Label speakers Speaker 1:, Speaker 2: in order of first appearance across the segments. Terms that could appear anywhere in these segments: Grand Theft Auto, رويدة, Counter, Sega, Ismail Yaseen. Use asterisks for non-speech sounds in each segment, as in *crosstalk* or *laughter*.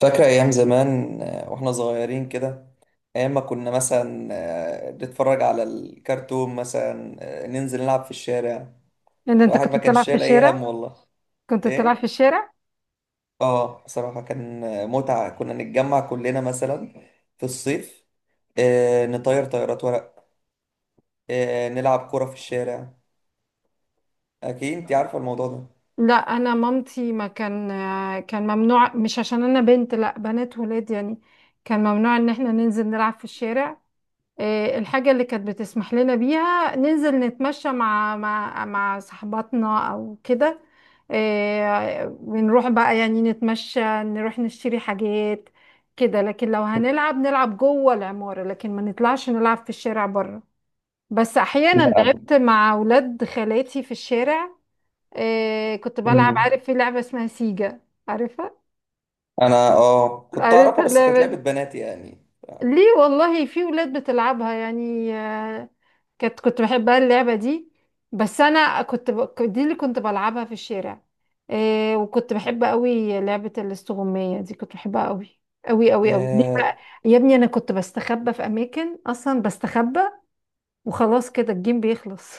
Speaker 1: فاكرة أيام زمان وإحنا صغيرين كده. أيام ما كنا مثلا نتفرج على الكرتون مثلا، ننزل نلعب في الشارع.
Speaker 2: إن أنت
Speaker 1: الواحد
Speaker 2: كنت
Speaker 1: ما كانش
Speaker 2: بتلعب في
Speaker 1: شايل أي هم
Speaker 2: الشارع.
Speaker 1: والله.
Speaker 2: كنت بتلعب
Speaker 1: إيه؟
Speaker 2: في الشارع.
Speaker 1: آه، بصراحة كان متعة. كنا نتجمع كلنا مثلا في الصيف، نطير طيارات ورق، نلعب كرة في الشارع. أكيد أنت عارفة الموضوع ده.
Speaker 2: لا أنا مامتي ما كان، كان ممنوع، مش عشان أنا بنت، لا بنات ولاد يعني. كان ممنوع إن إحنا ننزل نلعب في الشارع. إيه، الحاجة اللي كانت بتسمح لنا بيها ننزل نتمشى مع صحباتنا أو كده. إيه، ونروح بقى يعني نتمشى نروح نشتري حاجات كده، لكن لو
Speaker 1: *laughs*
Speaker 2: هنلعب نلعب جوه العمارة، لكن ما نطلعش نلعب في الشارع بره. بس احيانا
Speaker 1: لا.
Speaker 2: لعبت مع اولاد خالاتي في الشارع. آه كنت بلعب،
Speaker 1: أمم.
Speaker 2: عارف في لعبه اسمها سيجا؟ عارفها؟
Speaker 1: أنا كنت
Speaker 2: عارفه
Speaker 1: أعرفها، بس كانت
Speaker 2: اللعبه
Speaker 1: لعبة
Speaker 2: دي؟
Speaker 1: بنات يعني.
Speaker 2: ليه والله، في اولاد بتلعبها يعني آه. كنت بحبها اللعبه دي. بس انا دي اللي كنت بلعبها في الشارع. آه وكنت بحب قوي لعبه الاستغمايه دي، كنت بحبها قوي قوي قوي قوي. ليه
Speaker 1: ياه.
Speaker 2: بقى؟ يا ابني انا كنت بستخبى في اماكن اصلا بستخبى، وخلاص كده الجيم بيخلص،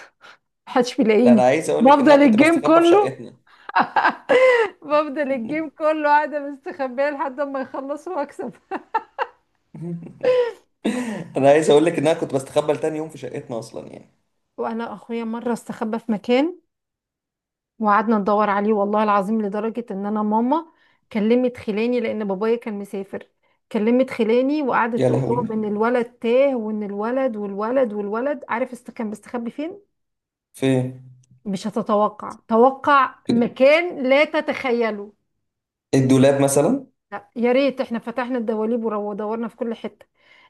Speaker 2: محدش
Speaker 1: ده انا
Speaker 2: بيلاقيني.
Speaker 1: عايز اقول لك ان
Speaker 2: بفضل
Speaker 1: انا كنت
Speaker 2: الجيم
Speaker 1: بستخبى في
Speaker 2: كله
Speaker 1: شقتنا.
Speaker 2: *laughs* بفضل الجيم كله قاعدة مستخبية لحد ما يخلصوا واكسب.
Speaker 1: *laughs* انا عايز اقول لك ان انا كنت بستخبى لتاني يوم في شقتنا اصلا يعني.
Speaker 2: وانا اخويا مرة استخبى في مكان، وقعدنا ندور عليه والله العظيم، لدرجة ان انا ماما كلمت خلاني لان بابايا كان مسافر. كلمت خلاني وقعدت
Speaker 1: يا
Speaker 2: تقول لهم
Speaker 1: لهوي.
Speaker 2: ان الولد تاه، وان الولد والولد والولد، عارف است كان مستخبي فين؟
Speaker 1: فين؟
Speaker 2: مش هتتوقع، توقع
Speaker 1: في
Speaker 2: مكان لا تتخيله.
Speaker 1: الدولاب مثلا؟
Speaker 2: لا يا ريت، احنا فتحنا الدواليب ودورنا في كل حتة.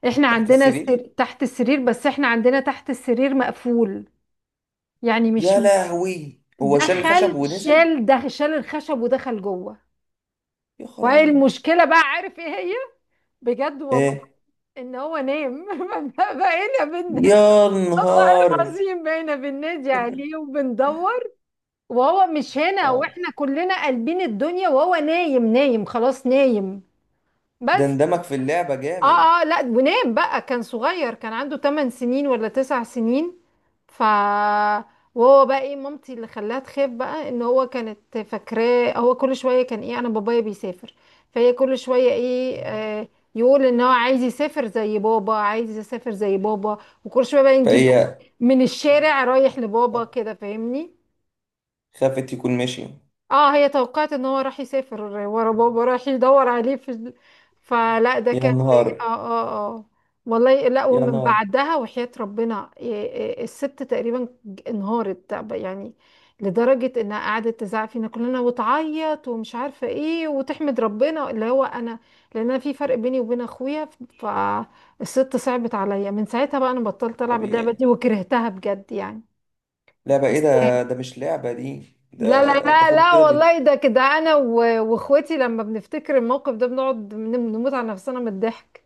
Speaker 2: احنا
Speaker 1: تحت
Speaker 2: عندنا
Speaker 1: السرير.
Speaker 2: تحت السرير، بس احنا عندنا تحت السرير مقفول يعني، مش
Speaker 1: يا لهوي، هو شال الخشب ونزل.
Speaker 2: دخل شال الخشب ودخل جوه.
Speaker 1: يا
Speaker 2: وايه
Speaker 1: خرابي.
Speaker 2: المشكلة بقى، عارف ايه هي؟ بجد والله.
Speaker 1: ايه؟
Speaker 2: ان هو نام. *laughs* بقينا بن
Speaker 1: يا
Speaker 2: والله
Speaker 1: نهار.
Speaker 2: العظيم بقينا بننادي عليه وبندور وهو مش هنا،
Speaker 1: آه.
Speaker 2: واحنا كلنا قلبين الدنيا وهو نايم، نايم خلاص نايم.
Speaker 1: ده
Speaker 2: بس
Speaker 1: اندمج في اللعبة جامد.
Speaker 2: اه لا، ونام بقى، كان صغير، كان عنده 8 سنين ولا 9 سنين. ف وهو بقى ايه مامتي اللي خلاها تخاف، بقى ان هو كانت فاكراه هو كل شويه كان ايه، انا بابايا بيسافر، فهي كل شويه ايه آه، يقول ان هو عايز يسافر زي بابا، عايز يسافر زي بابا. وكل شويه بقى نجيب
Speaker 1: فهي
Speaker 2: من الشارع رايح لبابا كده، فاهمني؟
Speaker 1: خافت يكون ماشي.
Speaker 2: اه هي توقعت ان هو راح يسافر ورا بابا، راح يدور عليه في فلا ده
Speaker 1: يا
Speaker 2: كان. اه
Speaker 1: نهار.
Speaker 2: اه اه والله لا،
Speaker 1: يا
Speaker 2: ومن
Speaker 1: نهار.
Speaker 2: بعدها وحياة ربنا الست تقريبا انهارت يعني، لدرجة انها قعدت تزعق فينا كلنا وتعيط ومش عارفة ايه، وتحمد ربنا اللي هو انا، لان انا في فرق بيني وبين اخويا. فالست صعبت عليا، من ساعتها بقى انا بطلت العب اللعبة
Speaker 1: طبيعي.
Speaker 2: دي وكرهتها بجد يعني.
Speaker 1: لعبة ايه
Speaker 2: بس
Speaker 1: ده؟ ده مش لعبة دي ده.
Speaker 2: لا لا
Speaker 1: ده
Speaker 2: لا
Speaker 1: خب
Speaker 2: لا
Speaker 1: كده
Speaker 2: والله، ده كده انا واخواتي لما بنفتكر الموقف ده بنقعد بنموت على نفسنا من الضحك.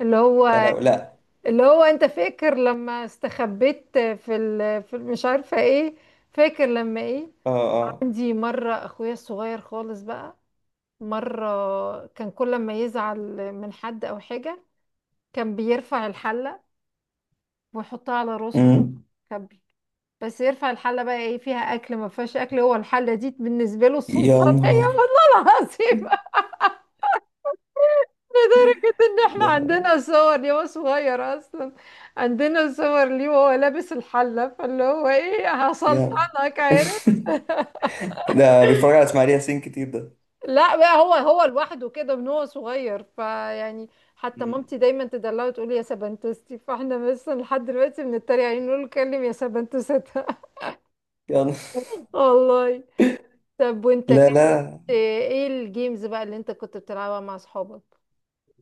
Speaker 2: اللي
Speaker 1: يا
Speaker 2: هو
Speaker 1: لهوي. لا.
Speaker 2: اللي هو انت فاكر لما استخبيت في مش عارفه ايه؟ فاكر لما ايه؟
Speaker 1: اه اه.
Speaker 2: عندي مره اخويا الصغير خالص بقى، مره كان كل ما يزعل من حد او حاجه كان بيرفع الحله ويحطها على راسه
Speaker 1: امم.
Speaker 2: كده. بس يرفع الحله بقى ايه، فيها اكل ما فيهاش اكل، هو الحله دي بالنسبه له
Speaker 1: يا
Speaker 2: السلطانيه. *laughs*
Speaker 1: نهار
Speaker 2: والله العظيم، لدرجه ان احنا
Speaker 1: ده.
Speaker 2: عندنا صور ليه هو صغير اصلا، عندنا صور ليه وهو لابس الحله. فاللي هو ايه،
Speaker 1: يا *laughs*
Speaker 2: هسلطنك عارف.
Speaker 1: ده بيتفرج على اسماعيل ياسين كتير ده.
Speaker 2: لا بقى، هو لوحده كده من هو صغير فيعني. حتى
Speaker 1: مم.
Speaker 2: مامتي دايما تدلعه وتقول يا سبنتستي، فاحنا مثلا لحد دلوقتي بنتريق عليه نقول له كلم يا سبنتستها.
Speaker 1: يا نهار.
Speaker 2: *laughs* والله. طب وانت
Speaker 1: لا
Speaker 2: كانت
Speaker 1: لا
Speaker 2: ايه الجيمز بقى اللي انت كنت بتلعبها مع اصحابك؟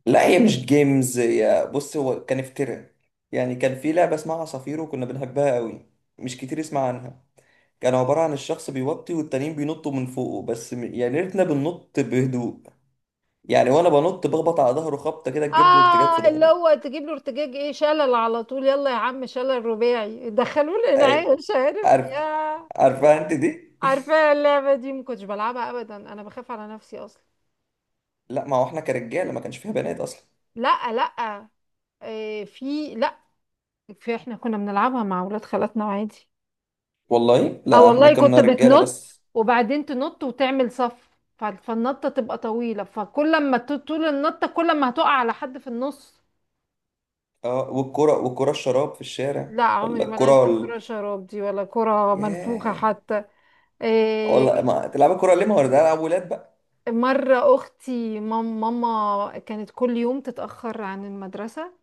Speaker 1: لا، هي مش جيمز، يا بص، هو كان افتراء يعني. كان في لعبة اسمها عصافير وكنا بنحبها قوي. مش كتير يسمع عنها. كان عبارة عن الشخص بيوطي والتانيين بينطوا من فوقه بس يعني ريتنا بننط بهدوء يعني. وانا بنط بخبط على ظهره خبطة كده تجيب له ارتجاج في
Speaker 2: اه اللي
Speaker 1: ظهره.
Speaker 2: هو تجيب له ارتجاج، ايه شلل على طول، يلا يا عم شلل رباعي دخلوه
Speaker 1: أي-
Speaker 2: الانعاء *laughs* مش عارف
Speaker 1: عارف.
Speaker 2: يا.
Speaker 1: عارفها انت دي؟
Speaker 2: عارفه اللعبه دي، ما كنتش بلعبها ابدا، انا بخاف على نفسي اصلا.
Speaker 1: *laughs* لا، ما هو احنا كرجاله ما كانش فيها بنات اصلا.
Speaker 2: لا إيه، في لا في، احنا كنا بنلعبها مع اولاد خالاتنا عادي.
Speaker 1: والله
Speaker 2: اه
Speaker 1: لا، احنا
Speaker 2: والله كنت
Speaker 1: كنا رجاله
Speaker 2: بتنط،
Speaker 1: بس.
Speaker 2: وبعدين تنط وتعمل صف. فالنطه تبقى طويله، فكل ما طول النطه، كل ما هتقع على حد في النص.
Speaker 1: اه. والكره، والكره الشراب في الشارع،
Speaker 2: لا
Speaker 1: ولا
Speaker 2: عمري ما لعبت
Speaker 1: الكره
Speaker 2: كرة شراب دي، ولا كرة منفوخة
Speaker 1: ياه.
Speaker 2: حتى.
Speaker 1: والله
Speaker 2: إيه.
Speaker 1: ما تلعب الكره ليه؟ ما هو ده العب ولاد بقى.
Speaker 2: مرة أختي ماما كانت كل يوم تتأخر عن المدرسة،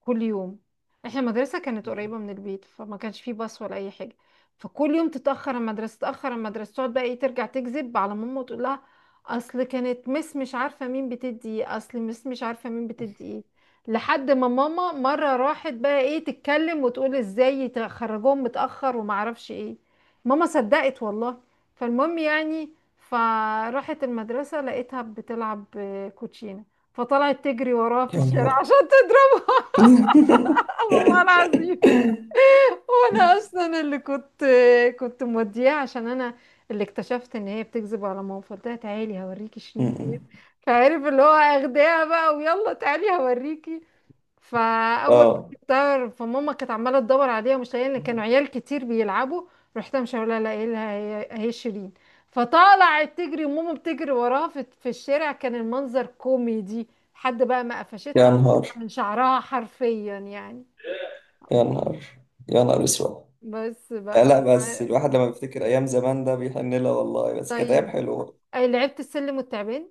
Speaker 2: كل يوم. احنا المدرسة كانت
Speaker 1: مم.
Speaker 2: قريبة من البيت، فما كانش فيه باص ولا أي حاجة. فكل يوم تتأخر المدرسة، تتأخر المدرسة، تقعد بقى ايه، ترجع تكذب على ماما وتقول لها أصل كانت مش عارفة مين بتدي ايه، أصل مش عارفة مين بتدي ايه. لحد ما ماما مرة راحت بقى ايه تتكلم وتقول ازاي تخرجوهم متأخر وما اعرفش ايه. ماما صدقت والله. فالمهم يعني، فراحت المدرسة لقيتها بتلعب كوتشينة. فطلعت تجري وراه في
Speaker 1: يا
Speaker 2: الشارع
Speaker 1: نهار.
Speaker 2: عشان تضربه. الله العظيم.
Speaker 1: *laughs*
Speaker 2: وانا اصلا اللي كنت، كنت مودياه عشان انا اللي اكتشفت ان هي بتكذب على ماما، فقلت لها تعالي هوريكي شيرين فين.
Speaker 1: مم.
Speaker 2: فعرف اللي هو اخداها بقى ويلا تعالي هوريكي. فاول ما
Speaker 1: اه.
Speaker 2: جبتها، فماما كانت عماله تدور عليها مش لاقيه، ان كانوا عيال كتير بيلعبوا، رحت مش لها لاقيه لها هي شيرين. فطلعت تجري، وماما بتجري وراها في في الشارع، كان المنظر كوميدي. حد بقى ما
Speaker 1: يا
Speaker 2: قفشتها
Speaker 1: نهار.
Speaker 2: من شعرها حرفيا يعني.
Speaker 1: يا نهار. يا نهار اسود.
Speaker 2: بس
Speaker 1: آه،
Speaker 2: بقى.
Speaker 1: لا بس الواحد لما بيفتكر ايام زمان ده بيحن لها والله، بس كانت ايام
Speaker 2: طيب،
Speaker 1: حلوه.
Speaker 2: أي لعبت السلم والتعبان؟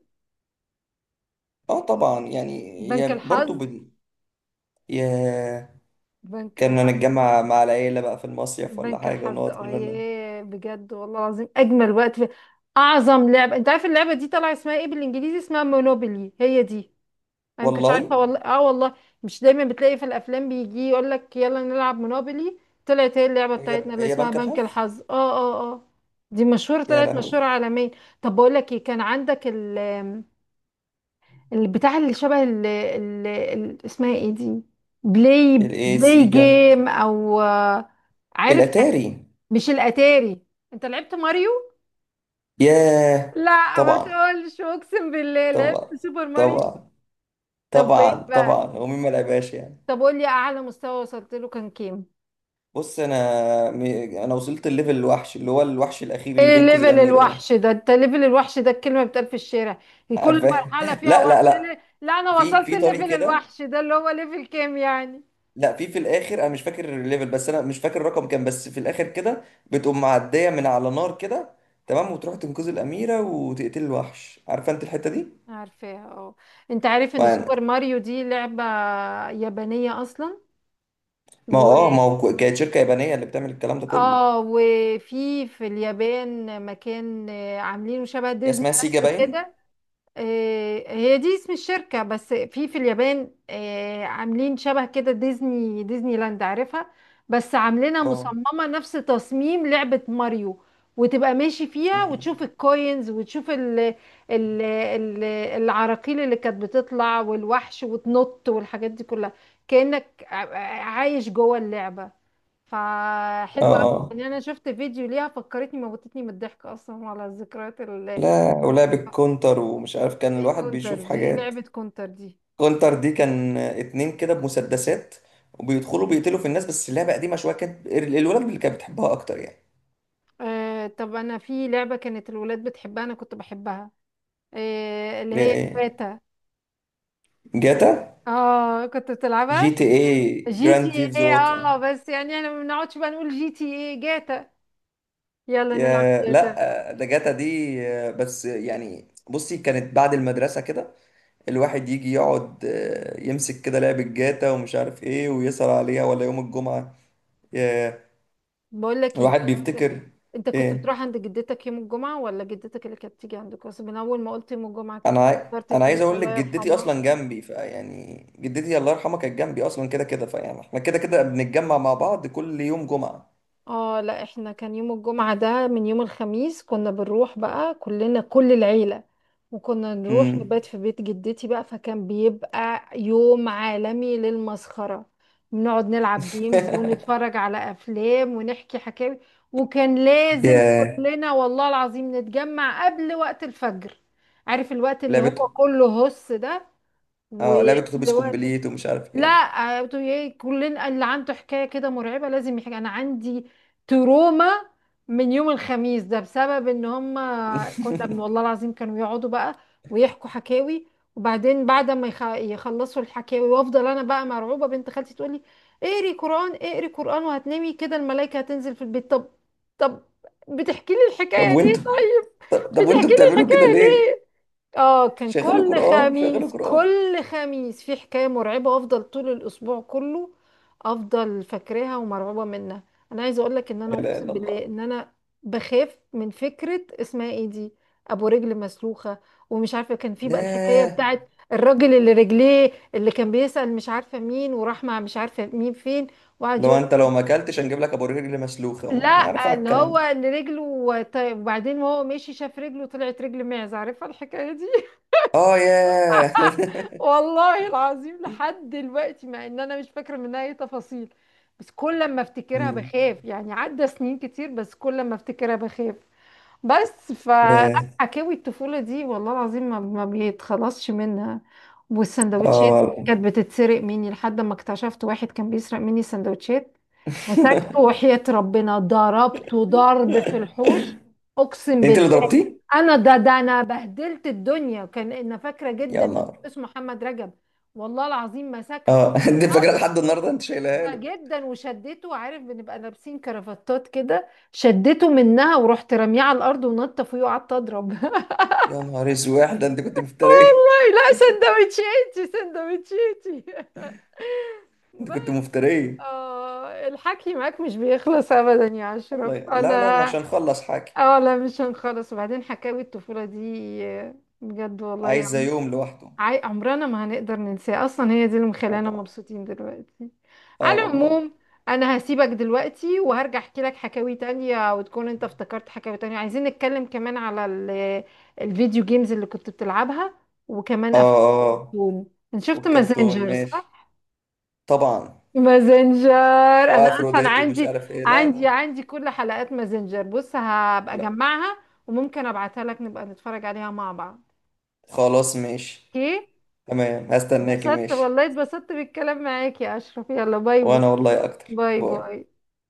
Speaker 1: اه طبعا يعني.
Speaker 2: بنك
Speaker 1: يا برضو
Speaker 2: الحظ،
Speaker 1: يا.
Speaker 2: بنك
Speaker 1: كنا
Speaker 2: الحظ،
Speaker 1: نتجمع مع العيله بقى في المصيف ولا
Speaker 2: بنك
Speaker 1: حاجه،
Speaker 2: الحظ.
Speaker 1: ونقعد
Speaker 2: اه
Speaker 1: كلنا.
Speaker 2: ياه بجد والله العظيم، اجمل وقت في اعظم لعبه. انت عارف اللعبه دي طالعه اسمها ايه بالانجليزي؟ اسمها مونوبولي هي دي. انا ما كنتش
Speaker 1: والله.
Speaker 2: عارفه والله، اه والله. مش دايما بتلاقي في الافلام بيجي يقول لك يلا نلعب مونوبولي؟ طلعت هي اللعبه
Speaker 1: هي
Speaker 2: بتاعتنا اللي
Speaker 1: هي
Speaker 2: اسمها
Speaker 1: بنك
Speaker 2: بنك
Speaker 1: الحظ.
Speaker 2: الحظ. اه. دي مشهوره،
Speaker 1: يا
Speaker 2: طلعت
Speaker 1: لهوي.
Speaker 2: مشهوره عالميا. طب بقول لك ايه، كان عندك ال، البتاع اللي شبه ال اسمها ايه دي، بلاي
Speaker 1: الايه،
Speaker 2: بلاي
Speaker 1: سيجا؟
Speaker 2: جيم او عارف
Speaker 1: الاتاري.
Speaker 2: مش الاتاري. انت لعبت ماريو؟
Speaker 1: ياه.
Speaker 2: لا ما
Speaker 1: طبعا
Speaker 2: تقولش، اقسم بالله
Speaker 1: طبعا
Speaker 2: لعبت سوبر ماريو.
Speaker 1: طبعا
Speaker 2: طب وايه
Speaker 1: طبعا طبعا،
Speaker 2: بقى،
Speaker 1: هو مين ما لعبهاش يعني؟
Speaker 2: طب قول لي اعلى مستوى وصلت له كان كام؟
Speaker 1: بص م... انا وصلت الليفل الوحش، اللي هو الوحش الاخير اللي
Speaker 2: ايه
Speaker 1: بينقذ
Speaker 2: ليفل
Speaker 1: الاميره ده.
Speaker 2: الوحش ده، انت ليفل الوحش ده الكلمه بتقال في الشارع؟ كل
Speaker 1: عارفه.
Speaker 2: مرحله
Speaker 1: *laughs*
Speaker 2: فيها
Speaker 1: لا لا
Speaker 2: وحش.
Speaker 1: لا،
Speaker 2: لا انا
Speaker 1: في
Speaker 2: وصلت
Speaker 1: في طريق
Speaker 2: الليفل
Speaker 1: كده.
Speaker 2: الوحش ده اللي هو ليفل كام يعني؟
Speaker 1: لا، في الاخر، انا مش فاكر الليفل، بس انا مش فاكر الرقم كام، بس في الاخر كده بتقوم معديه من على نار كده، تمام، وتروح تنقذ الاميره وتقتل الوحش. عارفه انت الحته دي؟
Speaker 2: عارفاها اه. انت عارف ان
Speaker 1: ما
Speaker 2: سوبر ماريو دي لعبة يابانية اصلا؟
Speaker 1: ما هو
Speaker 2: و
Speaker 1: اه ما هو ك- كانت شركة يابانية اللي بتعمل الكلام ده كله.
Speaker 2: اه وفي في اليابان مكان عاملينه شبه
Speaker 1: هي
Speaker 2: ديزني
Speaker 1: اسمها سيجا
Speaker 2: لاند
Speaker 1: باين.
Speaker 2: كده. هي دي اسم الشركة، بس في في اليابان عاملين شبه كده ديزني، ديزني لاند عارفها؟ بس عاملينها
Speaker 1: اه.
Speaker 2: مصممة نفس تصميم لعبة ماريو. وتبقى ماشي فيها
Speaker 1: مم.
Speaker 2: وتشوف الكوينز وتشوف ال العراقيل اللي كانت بتطلع والوحش وتنط والحاجات دي كلها. كأنك عايش جوه اللعبة.
Speaker 1: اه
Speaker 2: فحلوة أوي.
Speaker 1: اه،
Speaker 2: يعني أنا شفت فيديو ليها فكرتني، موتتني من الضحك أصلا على ذكريات.
Speaker 1: لا، ولعب الكونتر ومش عارف، كان
Speaker 2: ايه
Speaker 1: الواحد
Speaker 2: كونتر
Speaker 1: بيشوف
Speaker 2: دي، ايه
Speaker 1: حاجات.
Speaker 2: لعبة كونتر دي؟
Speaker 1: كونتر دي كان اتنين كده بمسدسات، وبيدخلوا بيقتلوا في الناس، بس اللعبة قديمة شوية، كانت الولاد اللي كانت بتحبها أكتر يعني.
Speaker 2: آه طب انا في لعبة كانت الولاد بتحبها انا كنت بحبها، آه اللي
Speaker 1: ليه؟
Speaker 2: هي
Speaker 1: ايه؟
Speaker 2: باتا.
Speaker 1: جاتا.
Speaker 2: اه كنت
Speaker 1: جي
Speaker 2: بتلعبها
Speaker 1: تي اي،
Speaker 2: جي
Speaker 1: جراند
Speaker 2: تي
Speaker 1: ثيفز
Speaker 2: ايه.
Speaker 1: اوتو.
Speaker 2: اه بس يعني انا ما بنقعدش بقى نقول جي تي ايه، جاتا، يلا نلعب
Speaker 1: يا
Speaker 2: جاتا.
Speaker 1: لا، ده جاتا دي، بس يعني بصي، كانت بعد المدرسة كده الواحد يجي يقعد، يمسك كده لعبة جاتا ومش عارف ايه ويسهر عليها، ولا يوم الجمعة. ياه.
Speaker 2: بقول لك ايه،
Speaker 1: الواحد بيفتكر.
Speaker 2: انت كنت
Speaker 1: ايه؟
Speaker 2: بتروح عند جدتك يوم الجمعة ولا جدتك اللي كانت تيجي عندك؟ بس من اول ما قلت يوم الجمعة كده افتكرت
Speaker 1: انا عايز
Speaker 2: تيتا،
Speaker 1: اقول لك،
Speaker 2: الله
Speaker 1: جدتي
Speaker 2: يرحمها.
Speaker 1: اصلا جنبي، فيعني جدتي الله يرحمها كانت جنبي اصلا كده كده، فيعني احنا كده كده بنتجمع مع بعض كل يوم جمعة.
Speaker 2: اه لا، احنا كان يوم الجمعة ده من يوم الخميس كنا بنروح بقى كلنا، كل العيلة، وكنا نروح
Speaker 1: امم.
Speaker 2: نبات في بيت جدتي بقى، فكان بيبقى يوم عالمي للمسخرة. بنقعد نلعب جيمز
Speaker 1: *laughs*
Speaker 2: ونتفرج على أفلام ونحكي حكاوي. وكان لازم
Speaker 1: ياه.
Speaker 2: كلنا والله العظيم نتجمع قبل وقت الفجر. عارف الوقت اللي هو
Speaker 1: لعبة
Speaker 2: كله هس ده؟
Speaker 1: اه لعبة
Speaker 2: وقبل
Speaker 1: اتوبيس
Speaker 2: وقت،
Speaker 1: كومبليت ومش عارف
Speaker 2: لا
Speaker 1: ايه.
Speaker 2: بتقول ايه، كلنا اللي عنده حكايه كده مرعبه لازم يحكي. انا عندي تروما من يوم الخميس ده بسبب ان هم، كنا من والله
Speaker 1: *laughs*
Speaker 2: العظيم كانوا يقعدوا بقى ويحكوا حكاوي. وبعدين بعد ما يخلصوا الحكاوي وافضل انا بقى مرعوبه، بنت خالتي تقول لي اقري قران، اقري قران وهتنامي كده الملائكه هتنزل في البيت. طب، طب بتحكي لي الحكايه
Speaker 1: طب
Speaker 2: ليه
Speaker 1: وانتوا
Speaker 2: طيب؟
Speaker 1: طب، وانتوا
Speaker 2: بتحكي لي
Speaker 1: بتعملوا كده
Speaker 2: الحكايه
Speaker 1: ليه؟
Speaker 2: ليه؟ اه كان
Speaker 1: شغلوا
Speaker 2: كل
Speaker 1: قرآن، شغلوا
Speaker 2: خميس،
Speaker 1: قرآن.
Speaker 2: كل خميس في حكاية مرعبة، افضل طول الاسبوع كله افضل فاكراها ومرعوبة منها. انا عايزة اقول لك ان انا
Speaker 1: لا اله
Speaker 2: اقسم
Speaker 1: الا
Speaker 2: بالله
Speaker 1: الله.
Speaker 2: ان انا بخاف من فكرة اسمها ايه دي، ابو رجل مسلوخة. ومش عارفة كان في بقى الحكاية
Speaker 1: ياه.
Speaker 2: بتاعت الراجل اللي رجليه، اللي كان بيسأل مش عارفة مين، وراح مع مش عارفة مين فين، وقعد
Speaker 1: لو
Speaker 2: يقول،
Speaker 1: انت لو ما اكلتش هنجيب لك ابو رجل مسلوخه. انا عارف
Speaker 2: لا
Speaker 1: انا
Speaker 2: اللي
Speaker 1: الكلام
Speaker 2: هو
Speaker 1: ده.
Speaker 2: اللي رجله طيب، وبعدين وهو ماشي شاف رجله طلعت رجل معز، عارفة الحكاية دي؟
Speaker 1: اه ياه.
Speaker 2: والله العظيم لحد دلوقتي مع ان انا مش فاكره منها اي تفاصيل، بس كل ما
Speaker 1: *laughs*
Speaker 2: افتكرها
Speaker 1: مم.
Speaker 2: بخاف يعني، عدى سنين كتير بس كل ما افتكرها بخاف. بس فلا،
Speaker 1: ياه.
Speaker 2: حكاوي الطفوله دي والله العظيم ما بيتخلصش منها.
Speaker 1: اه
Speaker 2: والسندوتشات
Speaker 1: والله.
Speaker 2: كانت بتتسرق مني لحد ما اكتشفت واحد كان بيسرق مني سندوتشات، مسكته وحياة ربنا ضربته ضرب في الحوش، اقسم
Speaker 1: انت اللي
Speaker 2: بالله.
Speaker 1: ضربتيه؟
Speaker 2: انا ده انا بهدلت الدنيا، كان انا فاكره
Speaker 1: يا
Speaker 2: جدا،
Speaker 1: نهار.
Speaker 2: اسمه محمد رجب. والله العظيم مسكته
Speaker 1: اه. *laughs* انت فاكره لحد
Speaker 2: خبطه
Speaker 1: النهارده، انت شايلها
Speaker 2: ده
Speaker 1: له.
Speaker 2: جدا وشدته، عارف بنبقى لابسين كرافتات كده، شدته منها ورحت رميه على الارض ونطه فيه وقعدت اضرب.
Speaker 1: يا نهار اسود، ده انت كنت
Speaker 2: *laughs*
Speaker 1: مفتريه.
Speaker 2: والله لا، سندوتشاتي سندوتشاتي. *laughs*
Speaker 1: *laughs* انت
Speaker 2: بس.
Speaker 1: كنت مفتريه.
Speaker 2: آه الحكي معاك مش بيخلص ابدا يا اشرف،
Speaker 1: لا لا،
Speaker 2: انا
Speaker 1: مش هنخلص حاجه.
Speaker 2: اه لا، مش هنخلص. وبعدين حكاوي الطفوله دي بجد والله.
Speaker 1: عايزه يوم لوحده.
Speaker 2: عمرنا ما هنقدر ننساه اصلا، هي دي اللي
Speaker 1: اه
Speaker 2: مخلانا
Speaker 1: طبعا.
Speaker 2: مبسوطين دلوقتي.
Speaker 1: اه
Speaker 2: على
Speaker 1: والله.
Speaker 2: العموم، انا هسيبك دلوقتي وهرجع احكي لك حكاوي تانية وتكون انت افتكرت حكاوي تانية، عايزين نتكلم كمان على الفيديو جيمز اللي كنت بتلعبها، وكمان
Speaker 1: اه
Speaker 2: افلام
Speaker 1: اه.
Speaker 2: الكرتون. انت شفت
Speaker 1: والكرتون
Speaker 2: مازنجر
Speaker 1: ماشي.
Speaker 2: صح؟
Speaker 1: طبعا.
Speaker 2: مازنجر. انا اصلا
Speaker 1: وافروديت ومش
Speaker 2: عندي
Speaker 1: عارف ايه. لا
Speaker 2: عندي
Speaker 1: لا
Speaker 2: عندي كل حلقات مازنجر، بص هبقى
Speaker 1: لا.
Speaker 2: اجمعها وممكن ابعتها لك نبقى نتفرج عليها مع بعض.
Speaker 1: خلاص، ماشي.
Speaker 2: اوكي.
Speaker 1: تمام، هستناكي.
Speaker 2: اتبسطت
Speaker 1: ماشي.
Speaker 2: والله، اتبسطت بالكلام معاك يا أشرف، يلا باي باي.
Speaker 1: وانا والله اكتر.
Speaker 2: باي
Speaker 1: باي.
Speaker 2: باي.